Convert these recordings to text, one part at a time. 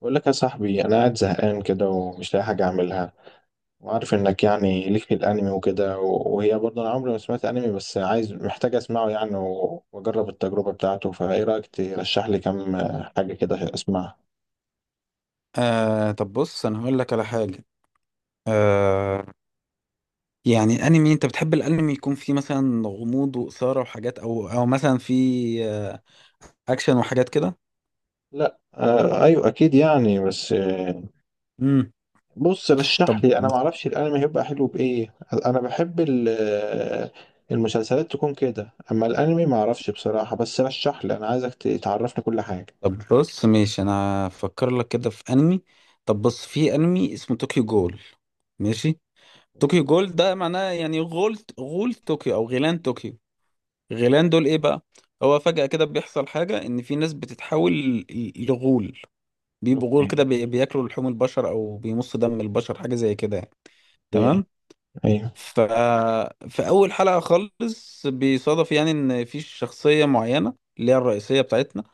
بقول لك يا صاحبي انا قاعد زهقان كده ومش لاقي حاجه اعملها. وعارف انك يعني ليك في الانمي وكده، وهي برضه انا عمري ما سمعت انمي، بس عايز محتاج اسمعه يعني. واجرب التجربه بتاعته، فايه رايك ترشح لي كام حاجه كده اسمعها. آه، طب بص انا هقول لك على حاجه. آه يعني انمي، انت بتحب الانمي يكون فيه مثلا غموض واثاره وحاجات، او مثلا فيه آه اكشن وحاجات كده. لا، آه، ايوه اكيد يعني، بس آه. امم بص طب رشح لي، انا ما اعرفش الانمي هيبقى حلو بايه. انا بحب المسلسلات تكون كده، اما الانمي ما اعرفش بصراحه. بس رشح لي، انا عايزك تعرفني كل حاجه. طب بص، ماشي، انا هفكر لك كده في انمي. طب بص، في انمي اسمه طوكيو جول. ماشي. طوكيو جول ده معناه يعني غول طوكيو او غيلان طوكيو. غيلان دول ايه بقى؟ هو فجأة كده بيحصل حاجة ان في ناس بتتحول لغول، بيبقوا غول كده، اوكي. بياكلوا لحوم البشر او بيمصوا دم البشر، حاجه زي كده يعني. ايه. تمام. ايوه. ف في اول حلقه خالص بيصادف يعني ان في شخصيه معينه، اللي هي الرئيسيه بتاعتنا،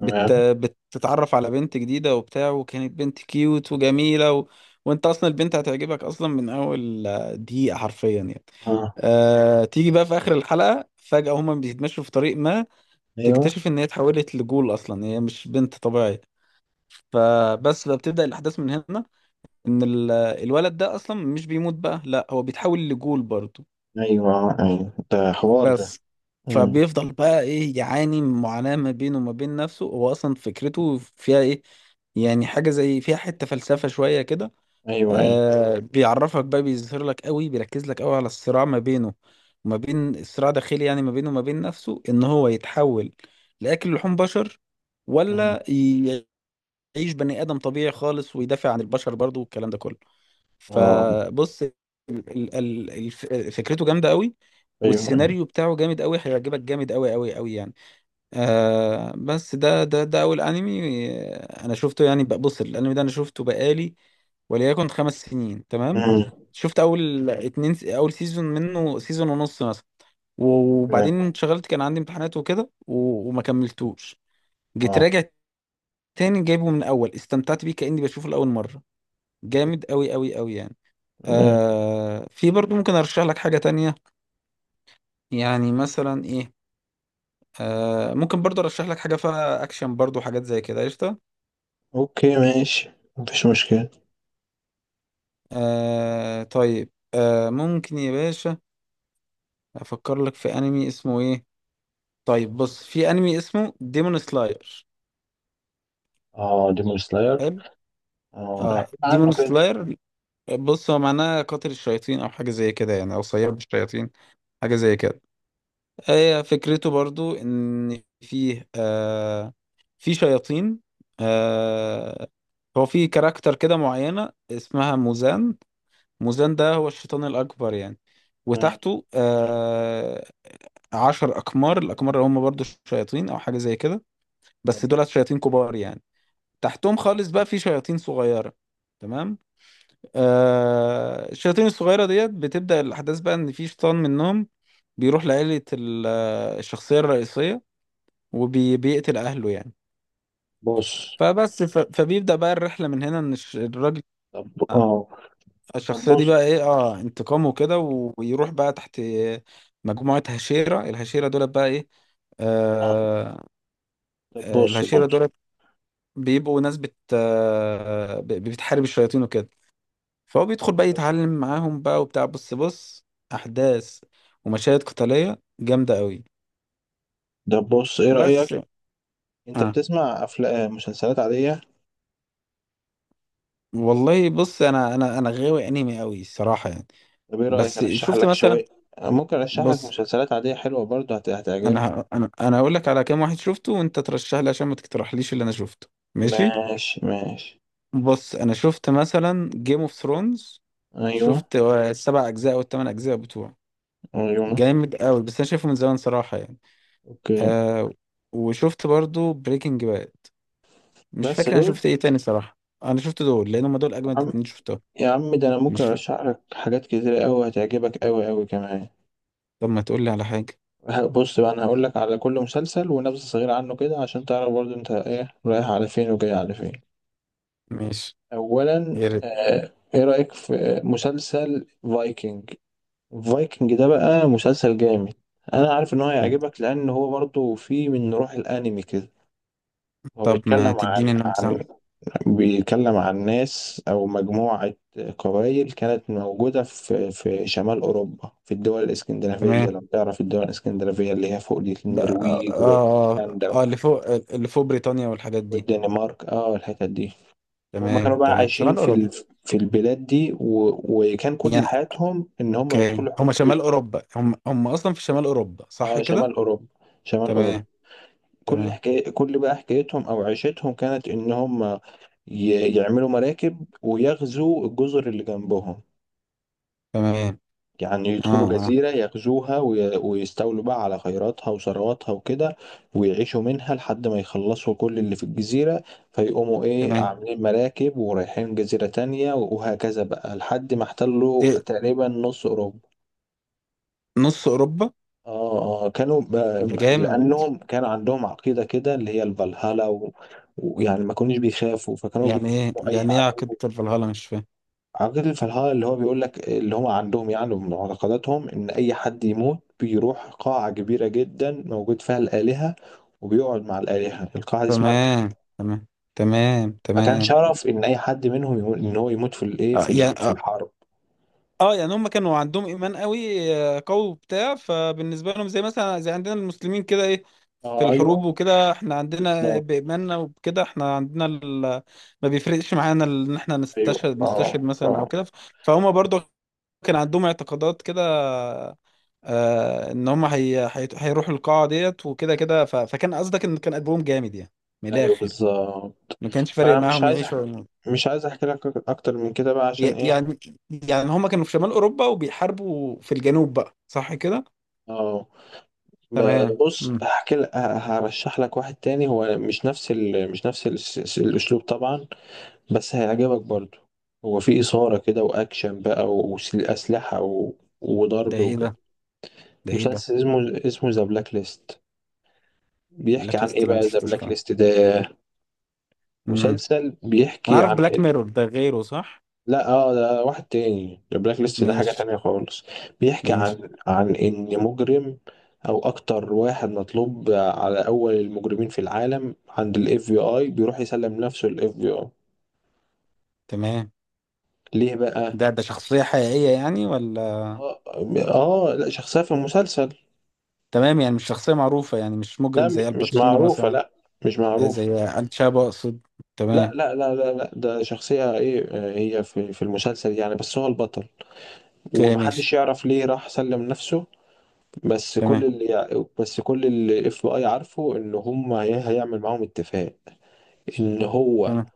تمام. بتتعرف على بنت جديده وبتاع، وكانت بنت كيوت وجميله. وانت اصلا البنت هتعجبك اصلا من اول دقيقه، حرفيا يعني. اه، تيجي بقى في اخر الحلقه فجاه هما بيتمشوا في طريق ما، ايوه، تكتشف ان هي اتحولت لجول، اصلا هي مش بنت طبيعيه. فبس بقى بتبدأ الأحداث من هنا، ان الولد ده اصلا مش بيموت بقى، لا هو بيتحول لجول برضه. ايوه. آه، ايوه، ده حوار ده. بس امم. فبيفضل بقى ايه، يعاني من معاناة ما بينه وما بين نفسه، هو اصلا فكرته فيها ايه يعني. حاجة زي فيها حتة فلسفة شوية كده. ايوه، ايوه. آه، بيعرفك بقى، بيظهر لك قوي، بيركز لك قوي على الصراع ما بينه وما بين الصراع داخلي، يعني ما بينه وما بين نفسه، ان هو يتحول لأكل لحوم بشر، ولا امم. يعيش بني آدم طبيعي خالص، ويدافع عن البشر برضه والكلام ده كله. اه، فبص ال- الف- فكرته جامده قوي، ايوه، ايوه. والسيناريو بتاعه جامد قوي، هيعجبك جامد قوي قوي قوي يعني. آه، بس ده اول انمي انا شفته يعني بص، الانمي ده انا شفته بقالي، وليكن، 5 سنين. تمام. امم. شفت اول اتنين، اول سيزون منه، سيزون ونص مثلا، تمام. وبعدين انشغلت، كان عندي امتحانات وكده، وما كملتوش. جيت اه. راجع تاني جايبه من الاول، استمتعت بيه كأني بشوفه لأول مرة. جامد قوي قوي قوي يعني. تمام. في برضو ممكن ارشح لك حاجة تانية، يعني مثلا ايه. ممكن برضو ارشح لك حاجة فيها اكشن برضو، حاجات زي كده، قشطة. اوكي، ماشي. مفيش مشكلة. طيب ممكن يا باشا افكر لك في انمي اسمه ايه. طيب بص، في انمي اسمه ديمون سلاير. اه، ديمون سلاير. حلو. اه، اه، احكي لي عنه ديمون كده. سلاير. بص، هو معناه قاتل الشياطين او حاجة زي كده يعني، او صياد الشياطين، حاجة زي كده. هي فكرته برضو ان فيه في شياطين. آه هو في كاركتر كده معينة اسمها موزان. موزان ده هو الشيطان الأكبر يعني، امم. وتحته 10 أقمار. الأقمار هم برضو شياطين أو حاجة زي كده، بس ايوه. دولت شياطين كبار يعني. تحتهم خالص بقى في شياطين صغيرة. تمام. آه، الشياطين الصغيرة ديت بتبدأ الأحداث بقى، إن في شيطان منهم بيروح لعيلة الشخصية الرئيسية، وبيقتل اهله يعني. بص. فبس فبيبدأ بقى الرحلة من هنا، ان الراجل طب. اه. طب الشخصية دي بص. بقى ايه، اه، انتقامه كده، ويروح بقى تحت مجموعة هشيرة. الهشيرة دول بقى ايه؟ اه. آه طب بص الهشيرة بص. دول بيبقوا ناس بتحارب الشياطين وكده. فهو بيدخل بقى يتعلم معاهم بقى وبتاع. بص بص، احداث ومشاهد قتالية جامدة قوي. ده بص، ايه رأيك، بس. انت اه، بتسمع افلام مسلسلات عادية؟ والله بص، انا غاوي انمي قوي الصراحة يعني. طب ايه رأيك بس ارشح شفت لك مثلا، شوية؟ ممكن ارشح لك بص، مسلسلات عادية حلوة برضه، هتعجبك. انا انا هقول لك على كام واحد شفته، وانت ترشح لي عشان ما تقترحليش اللي انا شفته. ماشي. ماشي ماشي. بص، انا شفت مثلا جيم اوف ثرونز، ايوه شفت السبع اجزاء او الثمان اجزاء بتوعه، ايوه. جامد قوي بس انا شايفه من زمان صراحه يعني. اوكي، آه وشفت برضو بريكنج باد. مش بس فاكر انا دول؟ شفت ايه تاني صراحه. انا شفت دول لان هم دول يا اجمد عم، اتنين شفتهم. يا عم ده انا ممكن مش فاكر. ارشح لك حاجات كتيرة قوي، هتعجبك قوي قوي كمان. طب ما تقول لي على حاجه، بص بقى، انا هقول لك على كل مسلسل ونبذة صغيرة عنه كده، عشان تعرف برضو انت ايه رايح على فين وجاي على فين. ماشي. اولا، يا ريت. آه، ايه رايك في مسلسل فايكنج؟ فايكنج ده بقى مسلسل جامد. انا عارف ان هو هيعجبك، لان هو برضو فيه من روح الانمي كده. هو طب ما بيتكلم تديني عن، نبذه. بيتكلم عن ناس أو مجموعة قبائل كانت موجودة في شمال أوروبا، في الدول الإسكندنافية. تمام. لو تعرف الدول الإسكندنافية اللي هي فوق دي، ده، اه، النرويج اه، وفنلندا اه، اللي فوق، اللي فوق بريطانيا والحاجات دي. والدنمارك، اه الحتت دي. هما تمام، كانوا بقى تمام، عايشين شمال اوروبا في البلاد دي، و... وكان كل يعني. حياتهم إن هما اوكي، هم شمال اوروبا، هم هم اصلا في شمال اوروبا، صح اه، كده. شمال أوروبا، شمال أوروبا. تمام، كل تمام، حكاية، كل بقى حكايتهم أو عيشتهم، كانت إن هما ي... يعملوا مراكب ويغزوا الجزر اللي جنبهم. تمام. يعني اه، يدخلوا اه. جزيرة يغزوها ويستولوا بقى على خيراتها وثرواتها وكده، ويعيشوا منها لحد ما يخلصوا كل اللي في الجزيرة. فيقوموا ايه، تمام. عاملين مراكب ورايحين جزيرة تانية، وهكذا بقى لحد ما احتلوا ايه، تقريبا نص أوروبا. نص اوروبا؟ اه اه، ده جامد. لأنهم كان عندهم عقيدة كده، اللي هي الفالهالا، و- ويعني ما كانوش بيخافوا، فكانوا يعني ايه، بيهزموا أي يعني ايه عدو. عقيدة الفلهلة، مش فاهم. عقيدة الفلاحة اللي هو بيقول لك، اللي هم عندهم يعني من معتقداتهم، إن أي حد يموت بيروح قاعة كبيرة جدا موجود فيها الآلهة، وبيقعد مع الآلهة. القاعة دي اسمها، تمام، تمام، تمام، فكان تمام. شرف إن أي حد منهم يموت، إن هو يموت في الإيه، آه يعني في آه، الحرب. اه، يعني هم كانوا عندهم ايمان قوي، قوي وبتاع، فبالنسبه لهم زي مثلا زي عندنا المسلمين كده ايه، في اه أيوه، الحروب وكده احنا عندنا بالظبط. بايماننا، وبكده احنا عندنا ما بيفرقش معانا ان احنا أيوه نستشهد أه مثلا او أه. كده. فهم برضو كان عندهم اعتقادات كده، آه، ان هم هيروحوا القاعه ديت وكده كده، فكان قصدك ان كان قلبهم جامد يعني، من أيوه الاخر، بالظبط. ما كانش فارق فأنا مش معاهم عايز أحكي، يعيشوا. مش عايز أحكي لك أكتر من كده بقى، عشان ي- إيه. يعني يعني هما كانوا في شمال أوروبا وبيحاربوا في الجنوب بقى، صح كده؟ أه، تمام. بص مم. هحكي لك، هرشح لك واحد تاني. هو مش نفس الأسلوب طبعا، بس هيعجبك برضو. هو في إثارة كده، وأكشن بقى، وأسلحة، و... ده وضرب ايه وكده. ده؟ ده ايه ده؟ مسلسل اسمه ذا بلاك ليست. بيحكي بلاك عن ليست إيه اللي انا بقى ذا مشفتوش بلاك خالص. ليست ده؟ مم. مسلسل انا بيحكي عارف عن بلاك إيه؟ ميرور ده غيره، صح؟ لا اه، ده واحد تاني، ذا بلاك ليست ده حاجة ماشي. تانية خالص. بيحكي ماشي. عن إن مجرم أو أكتر، واحد مطلوب على أول المجرمين في العالم، عند ال FBI بيروح يسلم نفسه لل FBI. تمام. ليه بقى؟ ده شخصية حقيقية يعني ولا؟ اه، آه، لا شخصية في المسلسل. تمام، يعني مش شخصية معروفة، يعني مش لا، مجرم زي مش الباتشينو معروفة، مثلا. لا، مش معروفة. زي الشابو اقصد. لا تمام. لا لا لا لا، ده شخصية ايه، آه، هي في في المسلسل يعني، بس هو البطل اوكي ومحدش ماشي. يعرف ليه راح سلم نفسه. بس كل تمام، بس كل الاف بي اي عارفه ان هم هيعمل معاهم اتفاق، ان هو تمام،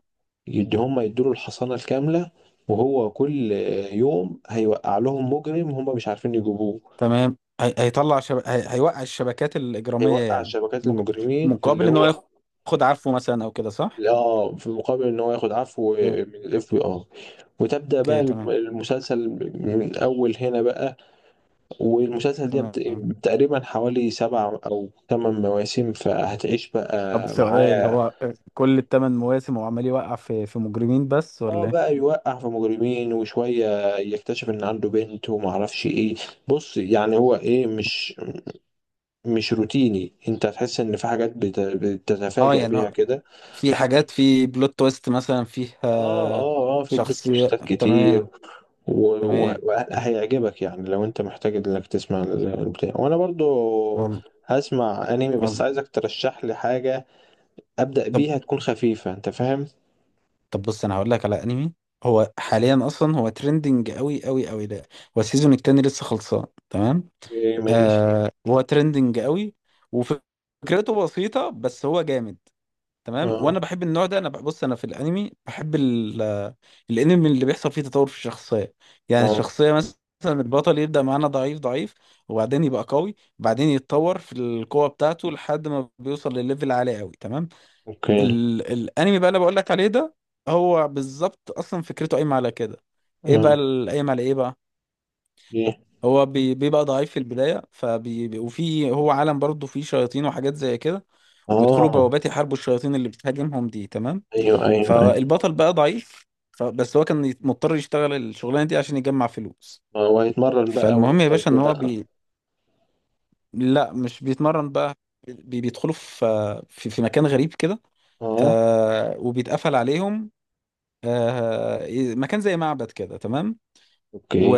يدي هم، يدوا له الحصانة الكاملة، وهو كل يوم هيوقع لهم مجرم هم مش عارفين يجيبوه. تمام. هي... هيطلع شب... هي... هيوقع الشبكات الإجرامية هيوقع يعني. شبكات مق... المجرمين، اللي مقابل إن هو هو ياخد عفو مثلا أو كده، صح؟ اه، في المقابل ان هو ياخد عفو من الاف بي اي. وتبدا بقى أوكي تمام. المسلسل من اول هنا بقى. والمسلسل ده تمام. تقريبا حوالي سبع او ثمان مواسم، فهتعيش طب بقى سؤال، معاه. هو كل الثمان مواسم هو عمال يوقع في في مجرمين بس اه، ولا إيه؟ بقى يوقع في مجرمين، وشويه يكتشف ان عنده بنت وما اعرفش ايه. بص يعني هو ايه، مش مش روتيني، انت هتحس ان في حاجات اه بتتفاجأ يعني، بيها هو كده. في حاجات في بلوت تويست مثلا اه فيها، اه اه، في بلوت شخصية. تويستات كتير. تمام. تمام. وهيعجبك يعني، لو انت محتاج انك تسمع البتاع. وانا برضو والله. هسمع انمي، بس والله. عايزك ترشح لي حاجة ابدأ طب بيها تكون خفيفة، انت فاهم. طب بص، انا هقول لك على انمي، هو حاليا اصلا هو ترندنج قوي قوي قوي ده. هو السيزون التاني لسه خلصان. تمام. اوكي ماشي. آه، هو ترندنج قوي، وفكرته بسيطة بس هو جامد. تمام. اه. وانا بحب النوع ده، انا ببص انا في الانمي بحب الانمي اللي بيحصل فيه تطور في الشخصية، يعني اه. الشخصية مثلا البطل يبدأ معانا ضعيف ضعيف، وبعدين يبقى قوي، بعدين يتطور في القوة بتاعته لحد ما بيوصل لليفل عالي قوي. تمام. اوكي. الانمي بقى اللي بقول لك عليه ده، هو بالظبط اصلا فكرته قايمة على كده. ايه بقى اه. قايم على ايه بقى. ايه. هو بيبقى ضعيف في البداية، وفي هو عالم برضه فيه شياطين وحاجات زي كده، وبيدخلوا اه. بوابات يحاربوا الشياطين اللي بتهاجمهم دي. تمام. ايوه ايوه ايوه. فالبطل بقى ضعيف، فبس هو كان مضطر يشتغل الشغلانة دي عشان يجمع فلوس. اه، وهيتمرن بقى فالمهم يا ويفضل باشا ان هو كده. لا، مش بيتمرن بقى، بيدخلوا في في مكان غريب كده، اه. وبيتقفل عليهم. آه مكان زي معبد كده. تمام. اوكي. و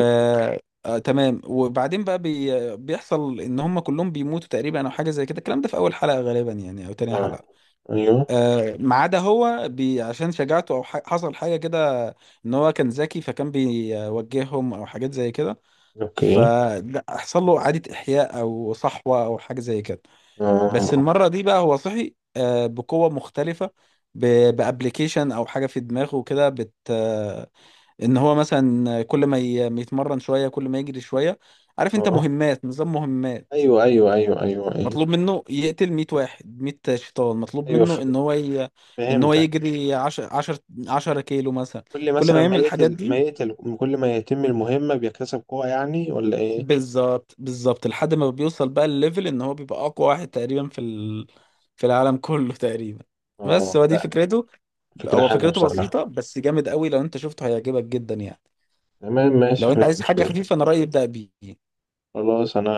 تمام، وبعدين بقى بيحصل ان هم كلهم بيموتوا تقريبا او حاجه زي كده، الكلام ده في اول حلقه غالبا يعني او تاني اه. حلقه. ايوه. ما عدا هو عشان شجاعته، او حصل حاجه كده، ان هو كان ذكي فكان بيوجههم او حاجات زي كده، اوكي. فحصل له اعاده احياء او صحوه او حاجه زي كده. بس اه. المره دي بقى هو صحي بقوه مختلفه. ب... بابلكيشن او حاجه في دماغه كده بت، ان هو مثلا كل ما يتمرن شويه، كل ما يجري شويه. عارف انت، اه. مهمات، نظام مهمات. ايوه ايوه ايوه ايوه ايوه مطلوب منه يقتل 100 واحد، 100 شيطان. مطلوب ايوه. منه ان هو ان هو فهمتك. يجري 10 10 10 كيلو مثلا. كل كل مثلا ما ما يعمل الحاجات يقتل ما دي، يقتل كل ما يتم المهمة بيكتسب قوة يعني، ولا ايه؟ بالظبط بالظبط، لحد ما بيوصل بقى الليفل ان هو بيبقى اقوى واحد تقريبا في في العالم كله تقريبا. بس اه، هو دي لا، فكرته. فكرة هو حلوة فكرته بصراحة. بسيطه بس جامد قوي، لو انت شفته هيعجبك جدا يعني. تمام ماشي، لو انت مفيش عايز حاجه مشكلة. خفيفه، انا رايي ابدا بيه. خلاص انا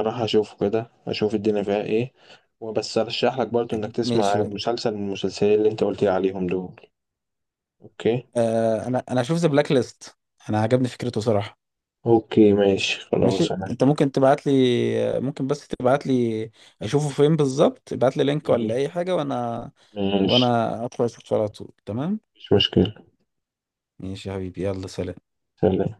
هروح اشوفه كده، اشوف الدنيا فيها ايه. وبس ارشح لك برضو انك تسمع ماشي. مسلسل من المسلسلين اللي انت قلت لي عليهم دول. اوكي. آه، انا هشوف ذا بلاك ليست، انا عجبني فكرته صراحه. اوكي ماشي، خلاص ماشي، انا. انت ممكن تبعت لي، ممكن بس تبعت لي اشوفه فين بالظبط، ابعت لي لينك إيه؟ ولا اي حاجه، وانا ماشي. وانا ادخل اشوف على طول. تمام. مفيش مشكلة. ماشي يا حبيبي، يلا سلام. سلام.